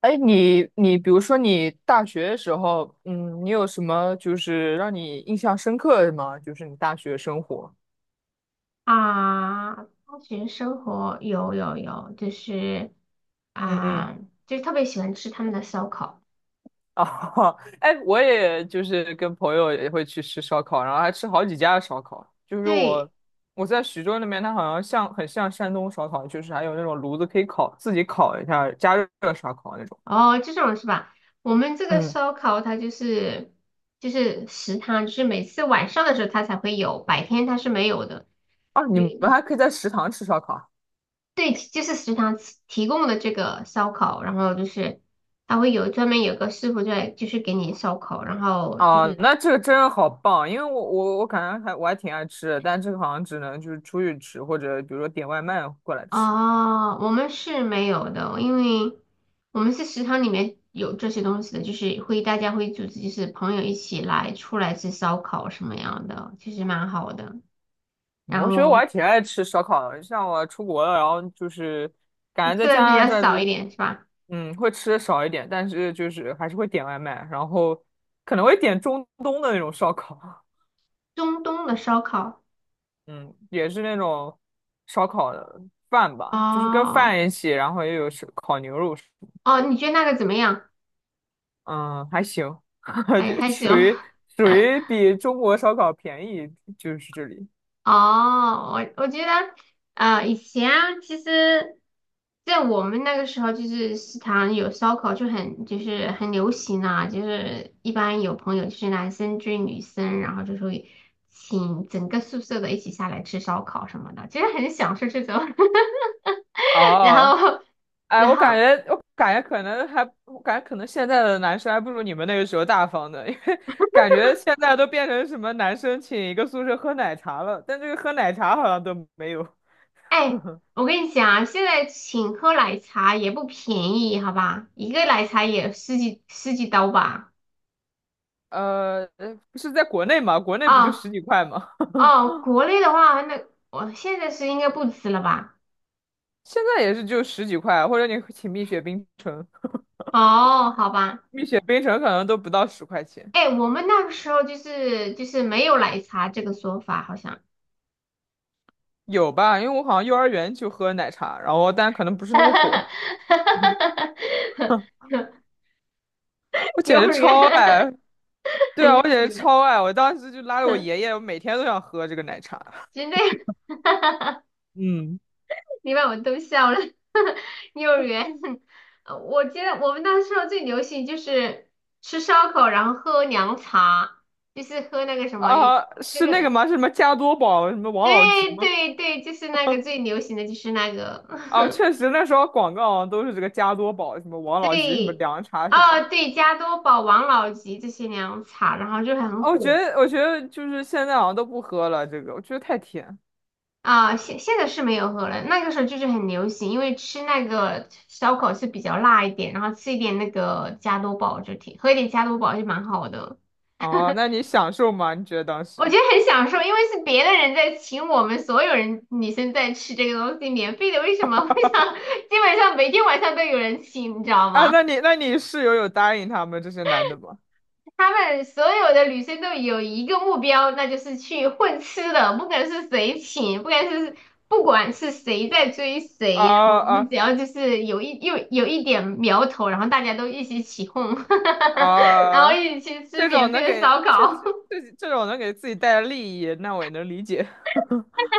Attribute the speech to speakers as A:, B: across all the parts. A: 哎，你比如说你大学的时候，你有什么就是让你印象深刻的吗？就是你大学生活。
B: 大学生活有，
A: 嗯嗯。
B: 啊，就是特别喜欢吃他们的烧烤。
A: 哦，哎，我也就是跟朋友也会去吃烧烤，然后还吃好几家的烧烤。就是我
B: 对。
A: 我在徐州那边，它好像很像山东烧烤，就是还有那种炉子可以烤，自己烤一下加热烧烤那种。
B: 哦，这种是吧？我们这个
A: 嗯。
B: 烧烤它就是食堂，就是每次晚上的时候它才会有，白天它是没有的。
A: 啊，你们
B: 对
A: 还可以在食堂吃烧烤。
B: 对，就是食堂提供的这个烧烤，然后就是它会有专门有个师傅在，就是给你烧烤，然后就
A: 哦，
B: 是
A: 那这个真的好棒，因为我感觉我还挺爱吃的，但这个好像只能就是出去吃，或者比如说点外卖过来吃。
B: 哦，我们是没有的，因为我们是食堂里面有这些东西的，就是会大家会组织，就是朋友一起来出来吃烧烤什么样的，其实蛮好的。然
A: 我觉得我
B: 后
A: 还挺爱吃烧烤的，像我出国了，然后就是感觉
B: 吃
A: 在
B: 的比
A: 家
B: 较
A: 这
B: 少一
A: 边，
B: 点是吧？
A: 会吃的少一点，但是就是还是会点外卖，然后可能会点中东的那种烧烤，
B: 中东的烧烤。
A: 嗯，也是那种烧烤的饭吧，就是跟
B: 哦
A: 饭一起，然后又有是烤牛肉。
B: 哦，你觉得那个怎么样？
A: 嗯，还行，
B: 还
A: 就
B: 还行。
A: 属于 属于比中国烧烤便宜，就是这里。
B: 哦，我觉得，以前啊其实，在我们那个时候，就是食堂有烧烤，就是很流行啊，就是一般有朋友就是男生追女生，然后就会请整个宿舍的一起下来吃烧烤什么的，其实很享受这种。然
A: 哦，
B: 后，
A: 哎，
B: 然
A: 我感
B: 后，
A: 觉我感觉可能还，我感觉可能现在的男生还不如你们那个时候大方的，因为感觉现在都变成什么男生请一个宿舍喝奶茶了，但这个喝奶茶好像都没有。
B: 哎，我跟你讲啊，现在请喝奶茶也不便宜，好吧，一个奶茶也十几刀吧。
A: 不是在国内嘛，国内不就
B: 啊、
A: 十几块吗？
B: 哦，国内的话，那我现在是应该不吃了吧？
A: 现在也是就十几块，或者你请蜜雪冰城，
B: 哦，好吧。
A: 蜜雪冰城可能都不到十块钱。
B: 哎，我们那个时候就是没有奶茶这个说法，好像。
A: 有吧？因为我好像幼儿园就喝奶茶，然后但可能不是那么火。我
B: 幼
A: 简直
B: 儿园！
A: 超爱，对
B: 幼
A: 啊，我简
B: 儿
A: 直
B: 园！
A: 超爱。我当时就拉着我爷 爷，我每天都想喝这个奶茶。
B: 真的。
A: 嗯。
B: 你把我逗笑了。幼儿园！我记得我们那时候最流行就是吃烧烤，然后喝凉茶，就是喝那个 什么，有
A: 啊，
B: 这
A: 是那个
B: 个。
A: 吗？是什么加多宝？什么王老吉
B: 对
A: 吗？
B: 对对，就是那个最流行的就是那个。
A: 啊，确实那时候广告都是这个加多宝，什么王老吉，什么
B: 对。
A: 凉茶什么的。
B: 哦对，加多宝、王老吉这些凉茶，然后就
A: 啊，
B: 很
A: 我觉
B: 火
A: 得，我觉得就是现在好像都不喝了，这个我觉得太甜。
B: 啊。现在是没有喝了，那个时候就是很流行，因为吃那个烧烤是比较辣一点，然后吃一点那个加多宝就挺，喝一点加多宝就蛮好的。
A: 哦，那你享受吗？你觉得当
B: 我觉
A: 时？
B: 得很享受，因为是别的人在请我们所有人女生在吃这个东西，免费的，为什么会想。 基本上每天晚上都有人请，你知道
A: 啊，
B: 吗？
A: 那你室友有答应他们这些男的吗？
B: 他们所有的女生都有一个目标，那就是去混吃的，不管是谁请，不管是谁在追谁，然
A: 啊
B: 后我们只
A: 啊，
B: 要就是有一点苗头，然后大家都一起起哄。然后
A: 啊，
B: 一起去吃
A: 这
B: 免
A: 种
B: 费
A: 能
B: 的
A: 给
B: 烧
A: 这
B: 烤。
A: 这种能给自己带来利益，那我也能理解。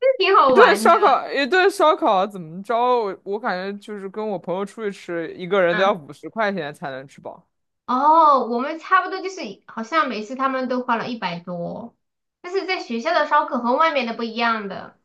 B: 这挺好
A: 一顿
B: 玩的。
A: 烧烤，一顿烧烤怎么着？我感觉就是跟我朋友出去吃，一个人都要
B: 嗯，
A: 50块钱才能吃饱。
B: 哦，我们差不多就是好像每次他们都花了100多，但是在学校的烧烤和外面的不一样的。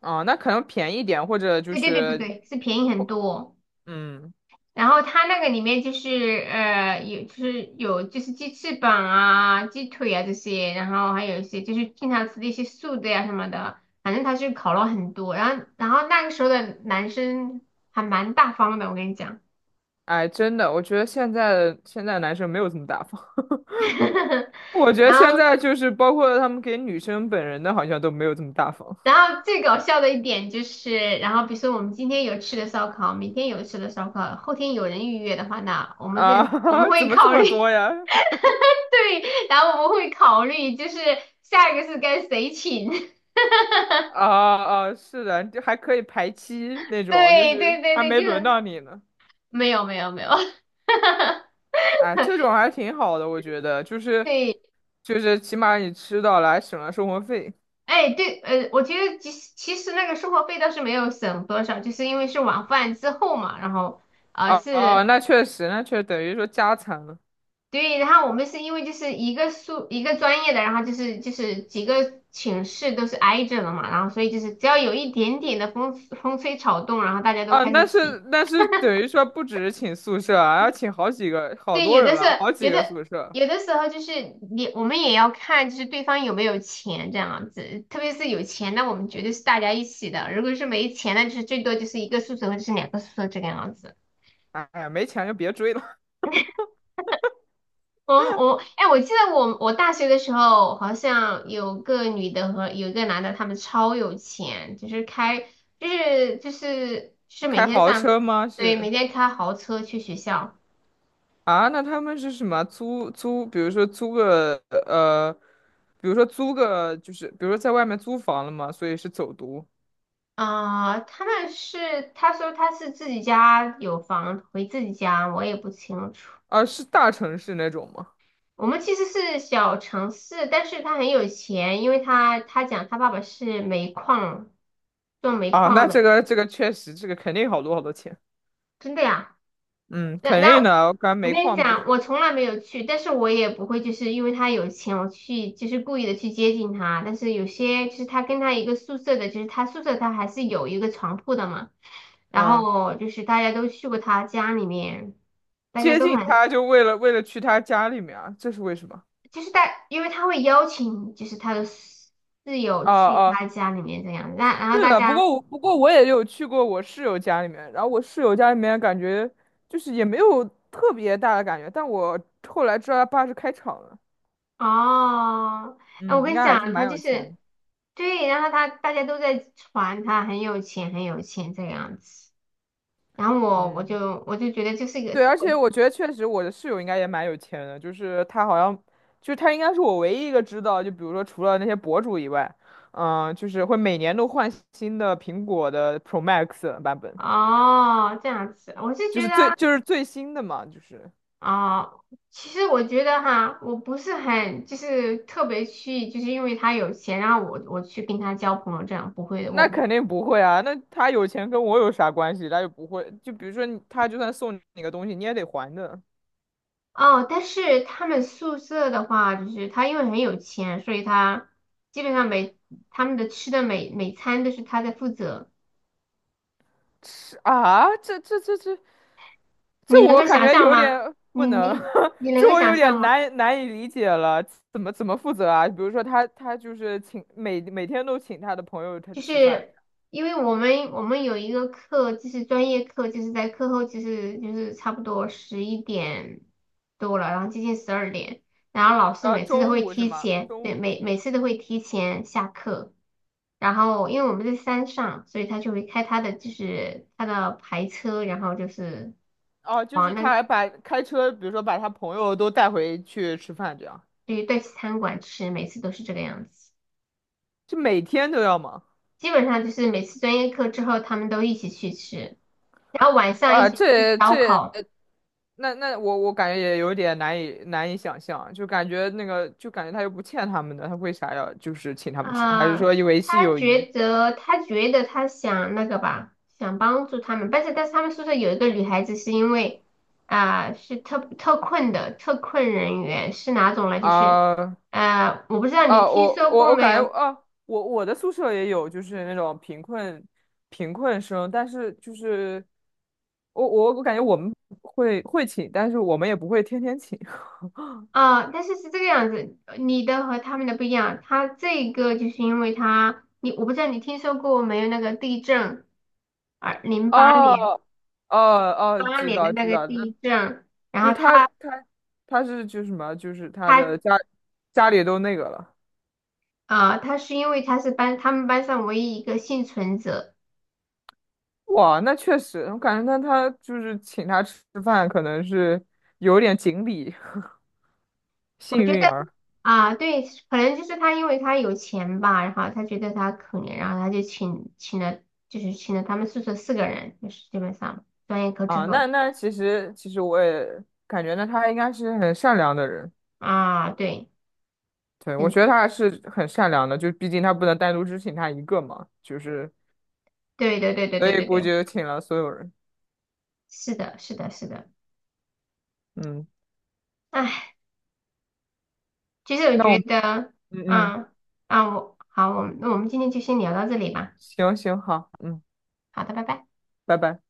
A: 啊，那可能便宜点，或者就
B: 对对对对
A: 是，
B: 对，是便宜很多。
A: 嗯。
B: 然后他那个里面就是呃有就是有就是鸡翅膀啊、鸡腿啊这些，然后还有一些就是经常吃的一些素的呀、什么的，反正他是烤了很多。然后那个时候的男生还蛮大方的，我跟你讲。
A: 哎，真的，我觉得现在男生没有这么大方。我觉得
B: 然
A: 现
B: 后
A: 在就是包括他们给女生本人的，好像都没有这么大方
B: 然后最搞笑的一点就是，然后比如说我们今天有吃的烧烤，明天有吃的烧烤，后天有人预约的话，那我们
A: 啊，怎
B: 会
A: 么这
B: 考
A: 么
B: 虑。
A: 多 呀？
B: 对，然后我们会考虑就是下一个是该谁请。
A: 啊啊，是的，就还可以排期那 种，就
B: 对
A: 是
B: 对对
A: 还
B: 对，
A: 没
B: 就
A: 轮
B: 是
A: 到你呢。
B: 没有没有没有。
A: 哎，这种还挺好的，我觉得，就 是
B: 对，
A: 就是起码你吃到了，还省了生活费。
B: 哎对，我觉得其实那个生活费倒是没有省多少，就是因为是晚饭之后嘛，然后
A: 哦、哦、
B: 是，
A: 那确实，等于说加餐了。
B: 对，然后我们是因为就是一个一个专业的，然后就是几个寝室都是挨着的嘛，然后所以就是只要有一点点的风吹草动，然后大家都
A: 啊，
B: 开
A: 那
B: 始
A: 是
B: 起。
A: 那是等于说不只是请宿舍啊，要请好几个，好
B: 对，
A: 多
B: 有
A: 人
B: 的是，
A: 了，好
B: 有
A: 几个
B: 的
A: 宿舍。
B: 有的时候就是我们也要看，就是对方有没有钱这样子。特别是有钱，那我们绝对是大家一起的；如果是没钱，那就是最多就是一个宿舍或者是2个宿舍这个样子。
A: 哎呀，没钱就别追了。
B: 我哎，我记得我大学的时候，好像有个女的和有一个男的，他们超有钱，就是开就是就是就是每
A: 开
B: 天
A: 豪
B: 上，
A: 车吗？
B: 对，
A: 是
B: 每天开豪车去学校。
A: 啊，那他们是什么？比如说租个呃比如说租个，就是比如说在外面租房了嘛，所以是走读
B: 他说他是自己家有房回自己家，我也不清楚。
A: 啊，是大城市那种吗？
B: 我们其实是小城市，但是他很有钱，因为他讲他爸爸是做煤
A: 啊，
B: 矿
A: 那
B: 的，
A: 这个确实，这个肯定好多好多钱，
B: 真的呀。
A: 嗯，
B: 那
A: 肯
B: 那
A: 定的，我感觉
B: 我
A: 煤
B: 跟你
A: 矿不
B: 讲，
A: 是，
B: 我从来没有去，但是我也不会，就是因为他有钱，我去就是故意的去接近他。但是有些就是他跟他一个宿舍的，就是他宿舍他还是有一个床铺的嘛。然
A: 啊，
B: 后就是大家都去过他家里面，大家
A: 接
B: 都
A: 近
B: 很
A: 他就为了去他家里面啊，这是为什么？
B: 就是大，因为他会邀请就是他的室友
A: 啊
B: 去
A: 啊，
B: 他家里面这样，那然后
A: 是
B: 大
A: 的，不
B: 家
A: 过我不过我也有去过我室友家里面，然后我室友家里面感觉就是也没有特别大的感觉，但我后来知道他爸是开厂的，
B: 哦。哎，我
A: 嗯，应
B: 跟你
A: 该还是
B: 讲，他
A: 蛮
B: 就
A: 有钱
B: 是
A: 的
B: 对，然后他大家都在传他很有钱，很有钱这样子，然后我我
A: 嗯。
B: 就我就觉得这是一个
A: 对，而且
B: 对。
A: 我觉得确实我的室友应该也蛮有钱的，就是他好像，就是他应该是我唯一一个知道，就比如说除了那些博主以外，就是会每年都换新的苹果的 Pro Max 版本，
B: 哦这样子，我是觉得
A: 就是最新的嘛，就是
B: 哦，其实我觉得哈，我不是很就是特别去就是因为他有钱，然后我去跟他交朋友这样，不会的，
A: 那
B: 我
A: 肯定不会啊，那他有钱跟我有啥关系？他又不会，就比如说你他就算送你个东西，你也得还的。
B: 哦，但是他们宿舍的话，就是他因为很有钱，所以他基本上他们的吃的每餐都是他在负责。
A: 是啊，这
B: 你能
A: 我
B: 够
A: 感
B: 想
A: 觉
B: 象
A: 有
B: 吗？
A: 点
B: 你
A: 不能，
B: 你 你能
A: 这
B: 够
A: 我
B: 想
A: 有
B: 象
A: 点
B: 吗？
A: 难以理解了，怎么负责啊？比如说他就是请每天都请他的朋友他
B: 就
A: 吃饭，
B: 是因为我们有一个课，就是专业课，就是在课后，就是差不多11点多了，然后接近12点，然后老师每次都
A: 中
B: 会
A: 午是
B: 提
A: 吗？
B: 前，
A: 中
B: 对，
A: 午
B: 每
A: 是吗
B: 每次都会提前下课。然后因为我们在山上，所以他就会开他的牌车，然后就是
A: 哦，就
B: 往
A: 是他
B: 那，
A: 还把开车，比如说把他朋友都带回去吃饭，这样
B: 对对，餐馆吃，每次都是这个样子。
A: 就每天都要忙
B: 基本上就是每次专业课之后，他们都一起去吃，然后晚上一
A: 哇，
B: 起吃烧烤
A: 那我感觉也有点难以想象，就感觉他又不欠他们的，他为啥要就是请他们吃？还是
B: 啊。
A: 说
B: 他
A: 维系
B: 他
A: 友谊
B: 觉得他觉得他想那个吧，想帮助他们，但是他们宿舍有一个女孩子是因为是特困人员，是哪种呢？就是。
A: 啊？
B: 我不知道你
A: 啊，
B: 听
A: 我
B: 说
A: 我
B: 过
A: 我
B: 没
A: 感觉
B: 有，
A: 啊，我的宿舍也有，就是那种贫困生，但是就是我感觉我们会请，但是我们也不会天天请。
B: 但是是这个样子，你的和他们的不一样。他这个就是因为他，你我不知道你听说过没有那个地震，二零八年
A: 哦哦哦，
B: 八
A: 知
B: 年的
A: 道
B: 那
A: 知
B: 个
A: 道，那
B: 地震，然
A: 就是
B: 后
A: 他他他是就是什么，就是他
B: 他
A: 的家里都那个了。
B: 他是因为他是他们班上唯一一个幸存者，
A: 哇，那确实，我感觉他就是请他吃饭，可能是有点锦鲤
B: 我
A: 幸
B: 觉得
A: 运儿。
B: 啊对，可能就是他因为他有钱吧，然后他觉得他可怜，然后他就请了他们宿舍4个人，就是基本上专业课之
A: 啊，
B: 后
A: 那其实我也感觉呢，他应该是很善良的人。
B: 啊对，
A: 对，我觉得
B: 很
A: 他还是很善良的，就毕竟他不能单独只请他一个嘛，就是
B: 对对对对
A: 所
B: 对
A: 以
B: 对
A: 估计
B: 对。
A: 就请了所有人。
B: 是的，是的，是的。
A: 嗯，
B: 哎，其实我
A: 那我
B: 觉得，
A: 嗯嗯，
B: 嗯，我们今天就先聊到这里吧。
A: 行行好，嗯，
B: 好的，拜拜。
A: 拜拜。